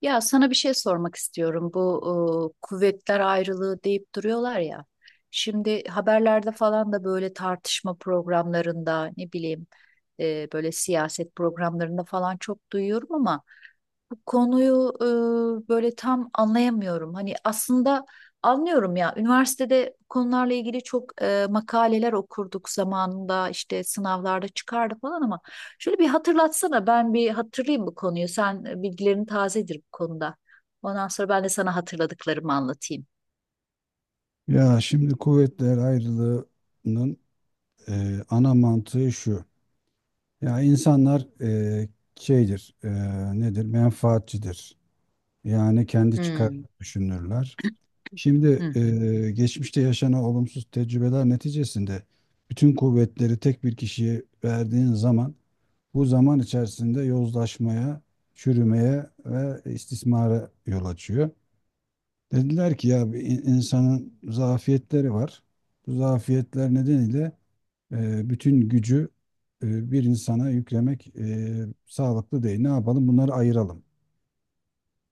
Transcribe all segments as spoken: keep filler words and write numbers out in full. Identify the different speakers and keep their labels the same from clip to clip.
Speaker 1: Ya sana bir şey sormak istiyorum. Bu e, kuvvetler ayrılığı deyip duruyorlar ya. Şimdi haberlerde falan da böyle tartışma programlarında ne bileyim, e, böyle siyaset programlarında falan çok duyuyorum ama bu konuyu e, böyle tam anlayamıyorum. Hani aslında anlıyorum ya, üniversitede bu konularla ilgili çok e, makaleler okurduk zamanında, işte sınavlarda çıkardı falan ama şöyle bir hatırlatsana, ben bir hatırlayayım bu konuyu. Sen, e, bilgilerin tazedir bu konuda. Ondan sonra ben de sana hatırladıklarımı anlatayım.
Speaker 2: Ya şimdi kuvvetler ayrılığının e, ana mantığı şu. Ya insanlar e, şeydir, e, nedir? Menfaatçidir. Yani kendi çıkarını
Speaker 1: Hmm.
Speaker 2: düşünürler.
Speaker 1: Hı
Speaker 2: Şimdi
Speaker 1: hı.
Speaker 2: e, geçmişte yaşanan olumsuz tecrübeler neticesinde bütün kuvvetleri tek bir kişiye verdiğin zaman bu zaman içerisinde yozlaşmaya, çürümeye ve istismara yol açıyor. Dediler ki ya bir in- insanın zafiyetleri var. Bu zafiyetler nedeniyle e, bütün gücü e, bir insana yüklemek e, sağlıklı değil. Ne yapalım? Bunları ayıralım.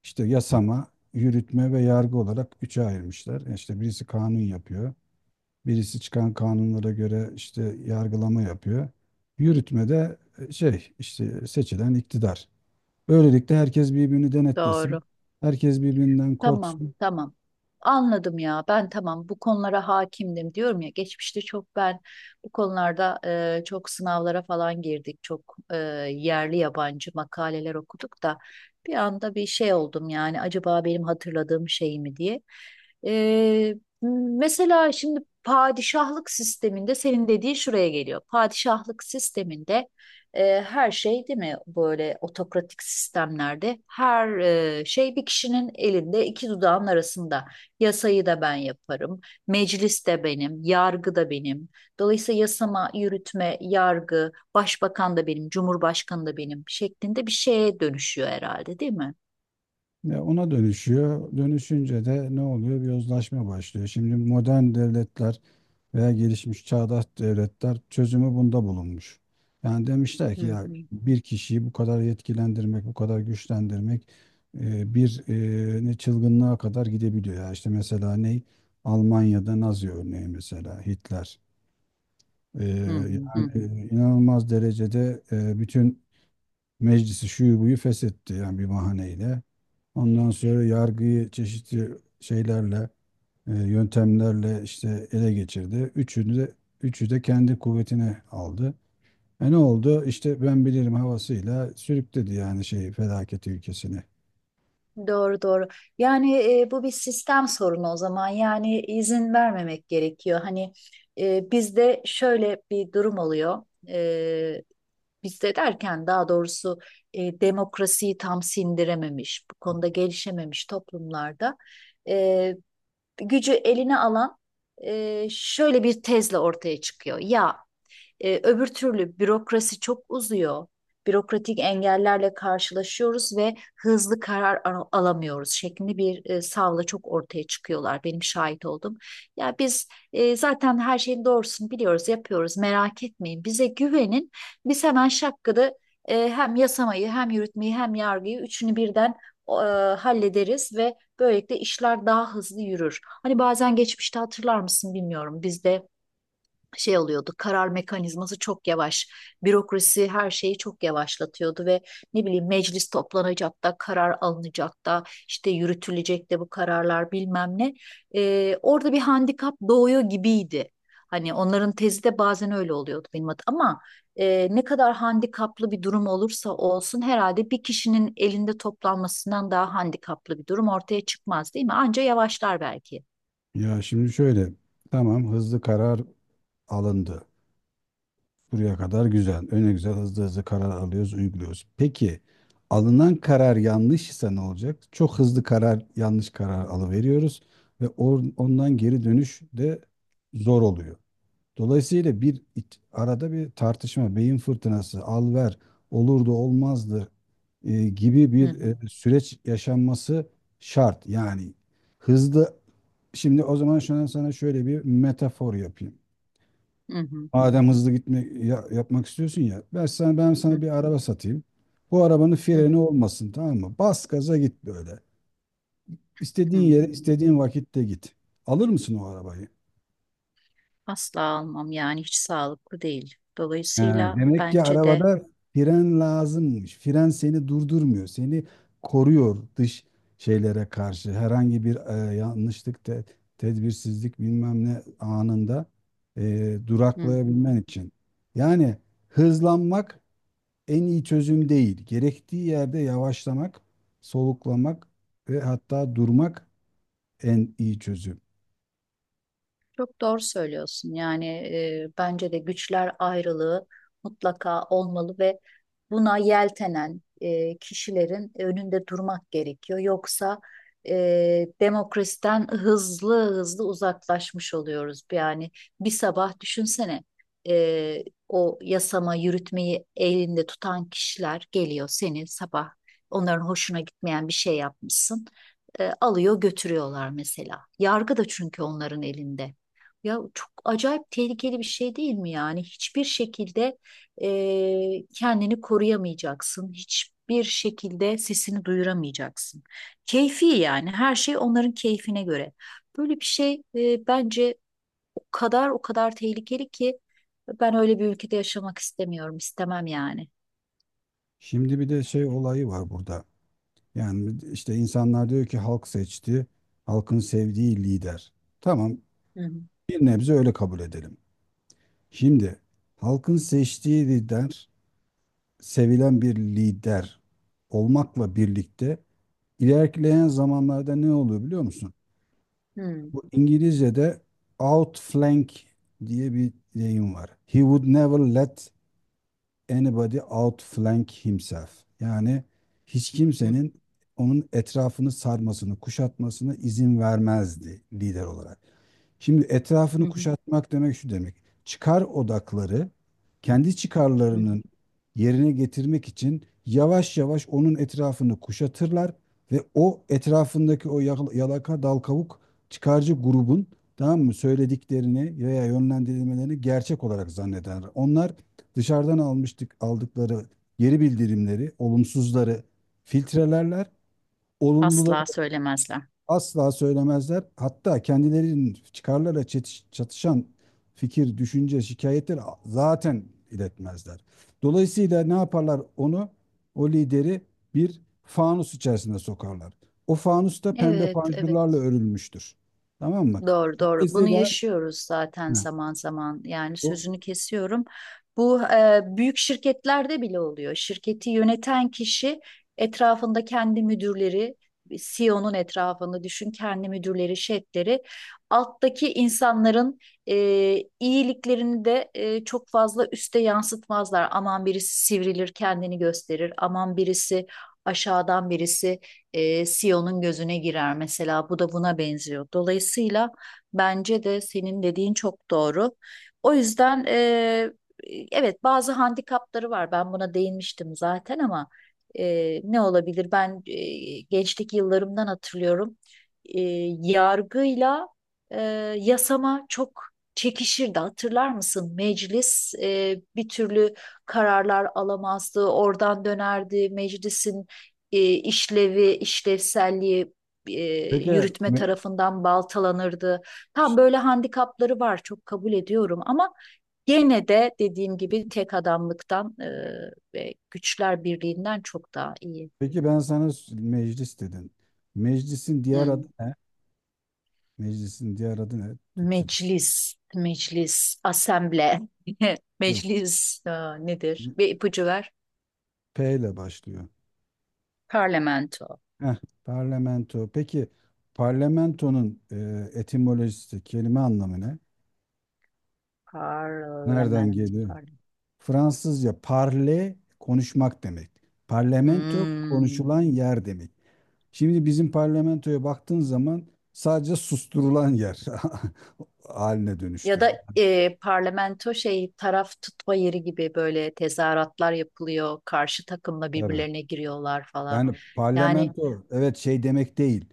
Speaker 2: İşte yasama, yürütme ve yargı olarak üçe ayırmışlar. E İşte birisi kanun yapıyor. Birisi çıkan kanunlara göre işte yargılama yapıyor. Yürütme de e, şey işte seçilen iktidar. Böylelikle herkes birbirini denetlesin.
Speaker 1: Doğru.
Speaker 2: Herkes birbirinden
Speaker 1: Tamam,
Speaker 2: korksun.
Speaker 1: tamam. Anladım ya. Ben tamam bu konulara hakimdim diyorum ya. Geçmişte çok ben bu konularda e, çok sınavlara falan girdik. Çok e, yerli yabancı makaleler okuduk da bir anda bir şey oldum yani, acaba benim hatırladığım şey mi diye. E, Mesela şimdi padişahlık sisteminde senin dediğin şuraya geliyor. Padişahlık sisteminde e, her şey, değil mi, böyle otokratik sistemlerde her e, şey bir kişinin elinde, iki dudağın arasında. Yasayı da ben yaparım, meclis de benim, yargı da benim. Dolayısıyla yasama, yürütme, yargı, başbakan da benim, cumhurbaşkanı da benim şeklinde bir şeye dönüşüyor herhalde değil mi?
Speaker 2: Ya ona dönüşüyor. Dönüşünce de ne oluyor? Bir yozlaşma başlıyor. Şimdi modern devletler veya gelişmiş çağdaş devletler çözümü bunda bulunmuş. Yani demişler
Speaker 1: Hı
Speaker 2: ki ya
Speaker 1: hı.
Speaker 2: bir kişiyi bu kadar yetkilendirmek, bu kadar güçlendirmek e, bir e, ne çılgınlığa kadar gidebiliyor. Ya işte mesela ne? Almanya'da Nazi örneği mesela Hitler. E,
Speaker 1: Hı hı, hı hı.
Speaker 2: yani inanılmaz derecede e, bütün meclisi şuyu buyu feshetti yani bir bahaneyle. Ondan sonra yargıyı çeşitli şeylerle, e, yöntemlerle işte ele geçirdi. Üçünü de üçü de kendi kuvvetine aldı. E ne oldu? İşte ben bilirim havasıyla sürükledi yani şeyi felaket ülkesini.
Speaker 1: Doğru, doğru. Yani e, bu bir sistem sorunu o zaman. Yani izin vermemek gerekiyor. Hani, e, bizde şöyle bir durum oluyor. E, Bizde derken, daha doğrusu, e, demokrasiyi tam sindirememiş, bu konuda gelişememiş toplumlarda e, gücü eline alan e, şöyle bir tezle ortaya çıkıyor. Ya, e, öbür türlü bürokrasi çok uzuyor. Bürokratik engellerle karşılaşıyoruz ve hızlı karar al- alamıyoruz şeklinde bir e, savla çok ortaya çıkıyorlar. Benim şahit oldum. Ya biz e, zaten her şeyin doğrusunu biliyoruz, yapıyoruz. Merak etmeyin. Bize güvenin. Biz hemen şakkıda e, hem yasamayı, hem yürütmeyi, hem yargıyı, üçünü birden e, hallederiz ve böylelikle işler daha hızlı yürür. Hani bazen geçmişte hatırlar mısın bilmiyorum. Bizde şey oluyordu. Karar mekanizması çok yavaş. Bürokrasi her şeyi çok yavaşlatıyordu ve ne bileyim meclis toplanacak da karar alınacak da işte yürütülecek de bu kararlar bilmem ne. Ee, orada bir handikap doğuyor gibiydi. Hani onların tezi de bazen öyle oluyordu benim adım. Ama e, ne kadar handikaplı bir durum olursa olsun, herhalde bir kişinin elinde toplanmasından daha handikaplı bir durum ortaya çıkmaz değil mi? Anca yavaşlar belki.
Speaker 2: Ya şimdi şöyle, tamam hızlı karar alındı. Buraya kadar güzel. Öne güzel hızlı hızlı karar alıyoruz, uyguluyoruz. Peki alınan karar yanlış ise ne olacak? Çok hızlı karar, yanlış karar alıveriyoruz ve or- ondan geri dönüş de zor oluyor. Dolayısıyla bir iç- arada bir tartışma, beyin fırtınası, al ver, olurdu olmazdı e, gibi
Speaker 1: Hı
Speaker 2: bir e,
Speaker 1: hı.
Speaker 2: süreç yaşanması şart. Yani hızlı, şimdi o zaman şu an sana şöyle bir metafor yapayım.
Speaker 1: Hı hı. Hı
Speaker 2: Madem
Speaker 1: hı.
Speaker 2: hızlı gitme ya- yapmak istiyorsun ya. Ben sana, ben sana bir araba satayım. Bu arabanın
Speaker 1: Hı
Speaker 2: freni
Speaker 1: hı.
Speaker 2: olmasın, tamam mı? Bas gaza git böyle.
Speaker 1: Hı hı.
Speaker 2: İstediğin yere
Speaker 1: Hı hı.
Speaker 2: istediğin vakitte git. Alır mısın o arabayı?
Speaker 1: Asla almam yani, hiç sağlıklı değil.
Speaker 2: He,
Speaker 1: Dolayısıyla
Speaker 2: demek ki
Speaker 1: bence de.
Speaker 2: arabada fren lazımmış. Fren seni durdurmuyor. Seni koruyor dış şeylere karşı. Herhangi bir e, yanlışlık, te- tedbirsizlik bilmem ne anında e,
Speaker 1: Hı
Speaker 2: duraklayabilmen
Speaker 1: hı.
Speaker 2: için. Yani hızlanmak en iyi çözüm değil. Gerektiği yerde yavaşlamak, soluklamak ve hatta durmak en iyi çözüm.
Speaker 1: Çok doğru söylüyorsun. Yani e, bence de güçler ayrılığı mutlaka olmalı ve buna yeltenen e, kişilerin önünde durmak gerekiyor. Yoksa e, demokrasiden hızlı hızlı uzaklaşmış oluyoruz. Yani bir sabah düşünsene, e, o yasama yürütmeyi elinde tutan kişiler geliyor seni sabah, onların hoşuna gitmeyen bir şey yapmışsın. E, alıyor götürüyorlar mesela. Yargı da çünkü onların elinde. Ya, çok acayip tehlikeli bir şey değil mi yani? Hiçbir şekilde eee, kendini koruyamayacaksın. Hiçbir şekilde sesini duyuramayacaksın. Keyfi yani, her şey onların keyfine göre. Böyle bir şey eee, bence o kadar o kadar tehlikeli ki ben öyle bir ülkede yaşamak istemiyorum. İstemem yani.
Speaker 2: Şimdi bir de şey olayı var burada. Yani işte insanlar diyor ki halk seçti, halkın sevdiği lider. Tamam,
Speaker 1: Hı
Speaker 2: bir nebze öyle kabul edelim. Şimdi halkın seçtiği lider, sevilen bir lider olmakla birlikte ilerleyen zamanlarda ne oluyor biliyor musun?
Speaker 1: hı,
Speaker 2: Bu İngilizce'de outflank diye bir deyim var. He would never let anybody outflank himself. Yani hiç
Speaker 1: hı hı,
Speaker 2: kimsenin onun etrafını sarmasını, kuşatmasına izin vermezdi lider olarak. Şimdi
Speaker 1: hı
Speaker 2: etrafını
Speaker 1: hı,
Speaker 2: kuşatmak demek şu demek. Çıkar odakları kendi
Speaker 1: hı hı.
Speaker 2: çıkarlarının yerine getirmek için yavaş yavaş onun etrafını kuşatırlar ve o etrafındaki o yakal- yalaka dal kavuk çıkarcı grubun, tamam mı, söylediklerini veya yönlendirilmelerini gerçek olarak zannederler. Onlar dışarıdan almıştık aldıkları geri bildirimleri, olumsuzları filtrelerler. Olumluları
Speaker 1: Asla söylemezler.
Speaker 2: asla söylemezler. Hatta kendilerinin çıkarlarla çetiş- çatışan fikir, düşünce, şikayetleri zaten iletmezler. Dolayısıyla ne yaparlar onu? O lideri bir fanus içerisine sokarlar. O fanus da pembe
Speaker 1: Evet,
Speaker 2: panjurlarla
Speaker 1: evet.
Speaker 2: örülmüştür. Tamam mı?
Speaker 1: Doğru, doğru. Bunu
Speaker 2: Dolayısıyla
Speaker 1: yaşıyoruz zaten
Speaker 2: hı,
Speaker 1: zaman zaman. Yani
Speaker 2: o,
Speaker 1: sözünü kesiyorum. Bu e, büyük şirketlerde bile oluyor. Şirketi yöneten kişi, etrafında kendi müdürleri, C E O'nun etrafını düşün, kendi müdürleri, şefleri, alttaki insanların e, iyiliklerini de e, çok fazla üste yansıtmazlar. Aman birisi sivrilir, kendini gösterir. Aman birisi, aşağıdan birisi e, C E O'nun gözüne girer mesela. Bu da buna benziyor. Dolayısıyla, bence de senin dediğin çok doğru. O yüzden, e, evet bazı handikapları var. Ben buna değinmiştim zaten ama e, ne olabilir? Ben e, gençlik yıllarımdan hatırlıyorum. E, Yargıyla e, yasama çok çekişirdi. Hatırlar mısın? Meclis e, bir türlü kararlar alamazdı. Oradan dönerdi. Meclisin e, işlevi, işlevselliği e,
Speaker 2: peki
Speaker 1: yürütme
Speaker 2: me-
Speaker 1: tarafından baltalanırdı. Tam böyle handikapları var, çok kabul ediyorum ama gene de dediğim gibi tek adamlıktan e, ve güçler birliğinden çok daha iyi.
Speaker 2: peki ben sana s- meclis dedin. Meclisin diğer adı
Speaker 1: Hmm.
Speaker 2: ne? Meclisin diğer adı ne Türkçe'de?
Speaker 1: Meclis, meclis, asemble,
Speaker 2: Yok.
Speaker 1: meclis, e, nedir? Bir ipucu ver.
Speaker 2: P ile başlıyor.
Speaker 1: Parlamento,
Speaker 2: Heh, parlamento. Peki parlamentonun e, etimolojisi, kelime anlamı ne? Nereden
Speaker 1: parlament,
Speaker 2: geliyor?
Speaker 1: parlament.
Speaker 2: Fransızca parle konuşmak demek. Parlamento
Speaker 1: Hmm.
Speaker 2: konuşulan yer demek. Şimdi bizim parlamentoya baktığın zaman sadece susturulan yer haline
Speaker 1: Ya
Speaker 2: dönüştü.
Speaker 1: da, e, parlamento şey, taraf tutma yeri gibi böyle tezahüratlar yapılıyor. Karşı takımla
Speaker 2: Tabii.
Speaker 1: birbirlerine giriyorlar falan.
Speaker 2: Yani
Speaker 1: Yani.
Speaker 2: parlamento evet şey demek değil.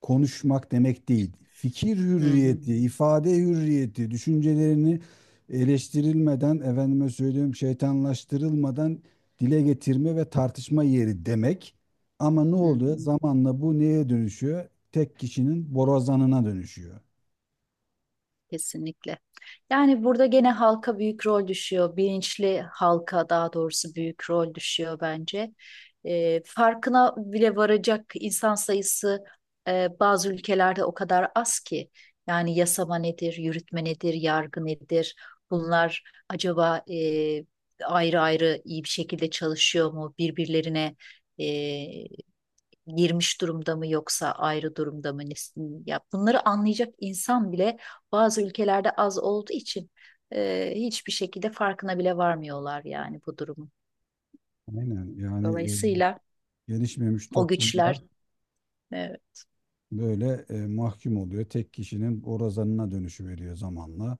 Speaker 2: Konuşmak demek değil. Fikir
Speaker 1: Hı hı,
Speaker 2: hürriyeti, ifade hürriyeti, düşüncelerini eleştirilmeden, efendime söyleyeyim şeytanlaştırılmadan dile getirme ve tartışma yeri demek. Ama ne
Speaker 1: hı
Speaker 2: oluyor?
Speaker 1: hı,
Speaker 2: Zamanla bu neye dönüşüyor? Tek kişinin borazanına dönüşüyor.
Speaker 1: kesinlikle. Yani burada gene halka büyük rol düşüyor. Bilinçli halka daha doğrusu büyük rol düşüyor bence. Ee, farkına bile varacak insan sayısı e, bazı ülkelerde o kadar az ki. Yani yasama nedir, yürütme nedir, yargı nedir? Bunlar acaba e, ayrı ayrı iyi bir şekilde çalışıyor mu? Birbirlerine girmiş durumda mı yoksa ayrı durumda mı? Ya bunları anlayacak insan bile bazı ülkelerde az olduğu için e, hiçbir şekilde farkına bile varmıyorlar yani bu durumun.
Speaker 2: Aynen yani e,
Speaker 1: Dolayısıyla
Speaker 2: gelişmemiş
Speaker 1: o güçler,
Speaker 2: toplumlar
Speaker 1: e,
Speaker 2: böyle e, mahkum oluyor. Tek kişinin borazanına dönüşü veriyor zamanla.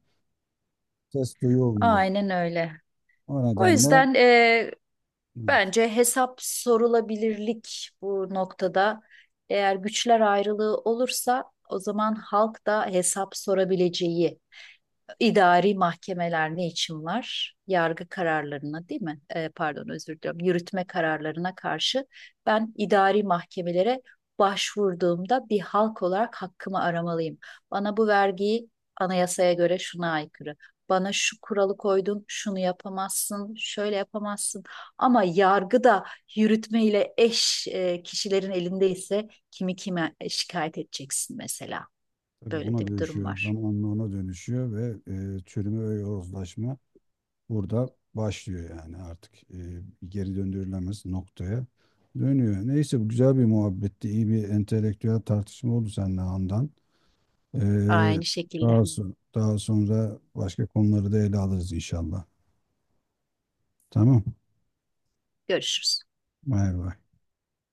Speaker 2: Ses duyulmuyor.
Speaker 1: aynen öyle.
Speaker 2: O
Speaker 1: O
Speaker 2: nedenle
Speaker 1: yüzden e,
Speaker 2: evet,
Speaker 1: bence hesap sorulabilirlik bu noktada. Eğer güçler ayrılığı olursa o zaman halk da hesap sorabileceği idari mahkemeler ne için var? Yargı kararlarına değil mi? E, pardon, özür diliyorum. Yürütme kararlarına karşı ben idari mahkemelere başvurduğumda bir halk olarak hakkımı aramalıyım. Bana bu vergiyi, anayasaya göre şuna aykırı. Bana şu kuralı koydun, şunu yapamazsın, şöyle yapamazsın. Ama yargı da yürütme eş e, kişilerin elindeyse kimi kime şikayet edeceksin mesela.
Speaker 2: tabii
Speaker 1: Böyle de
Speaker 2: ona
Speaker 1: bir durum
Speaker 2: dönüşüyor.
Speaker 1: var.
Speaker 2: Zamanla ona dönüşüyor ve e, çürüme ve yozlaşma burada başlıyor yani artık e, geri döndürülemez noktaya dönüyor. Neyse bu güzel bir muhabbetti. İyi bir entelektüel tartışma oldu seninle Handan. E,
Speaker 1: Aynı şekilde.
Speaker 2: daha, so- daha sonra başka konuları da ele alırız inşallah. Tamam.
Speaker 1: Görüşürüz.
Speaker 2: Bay bay.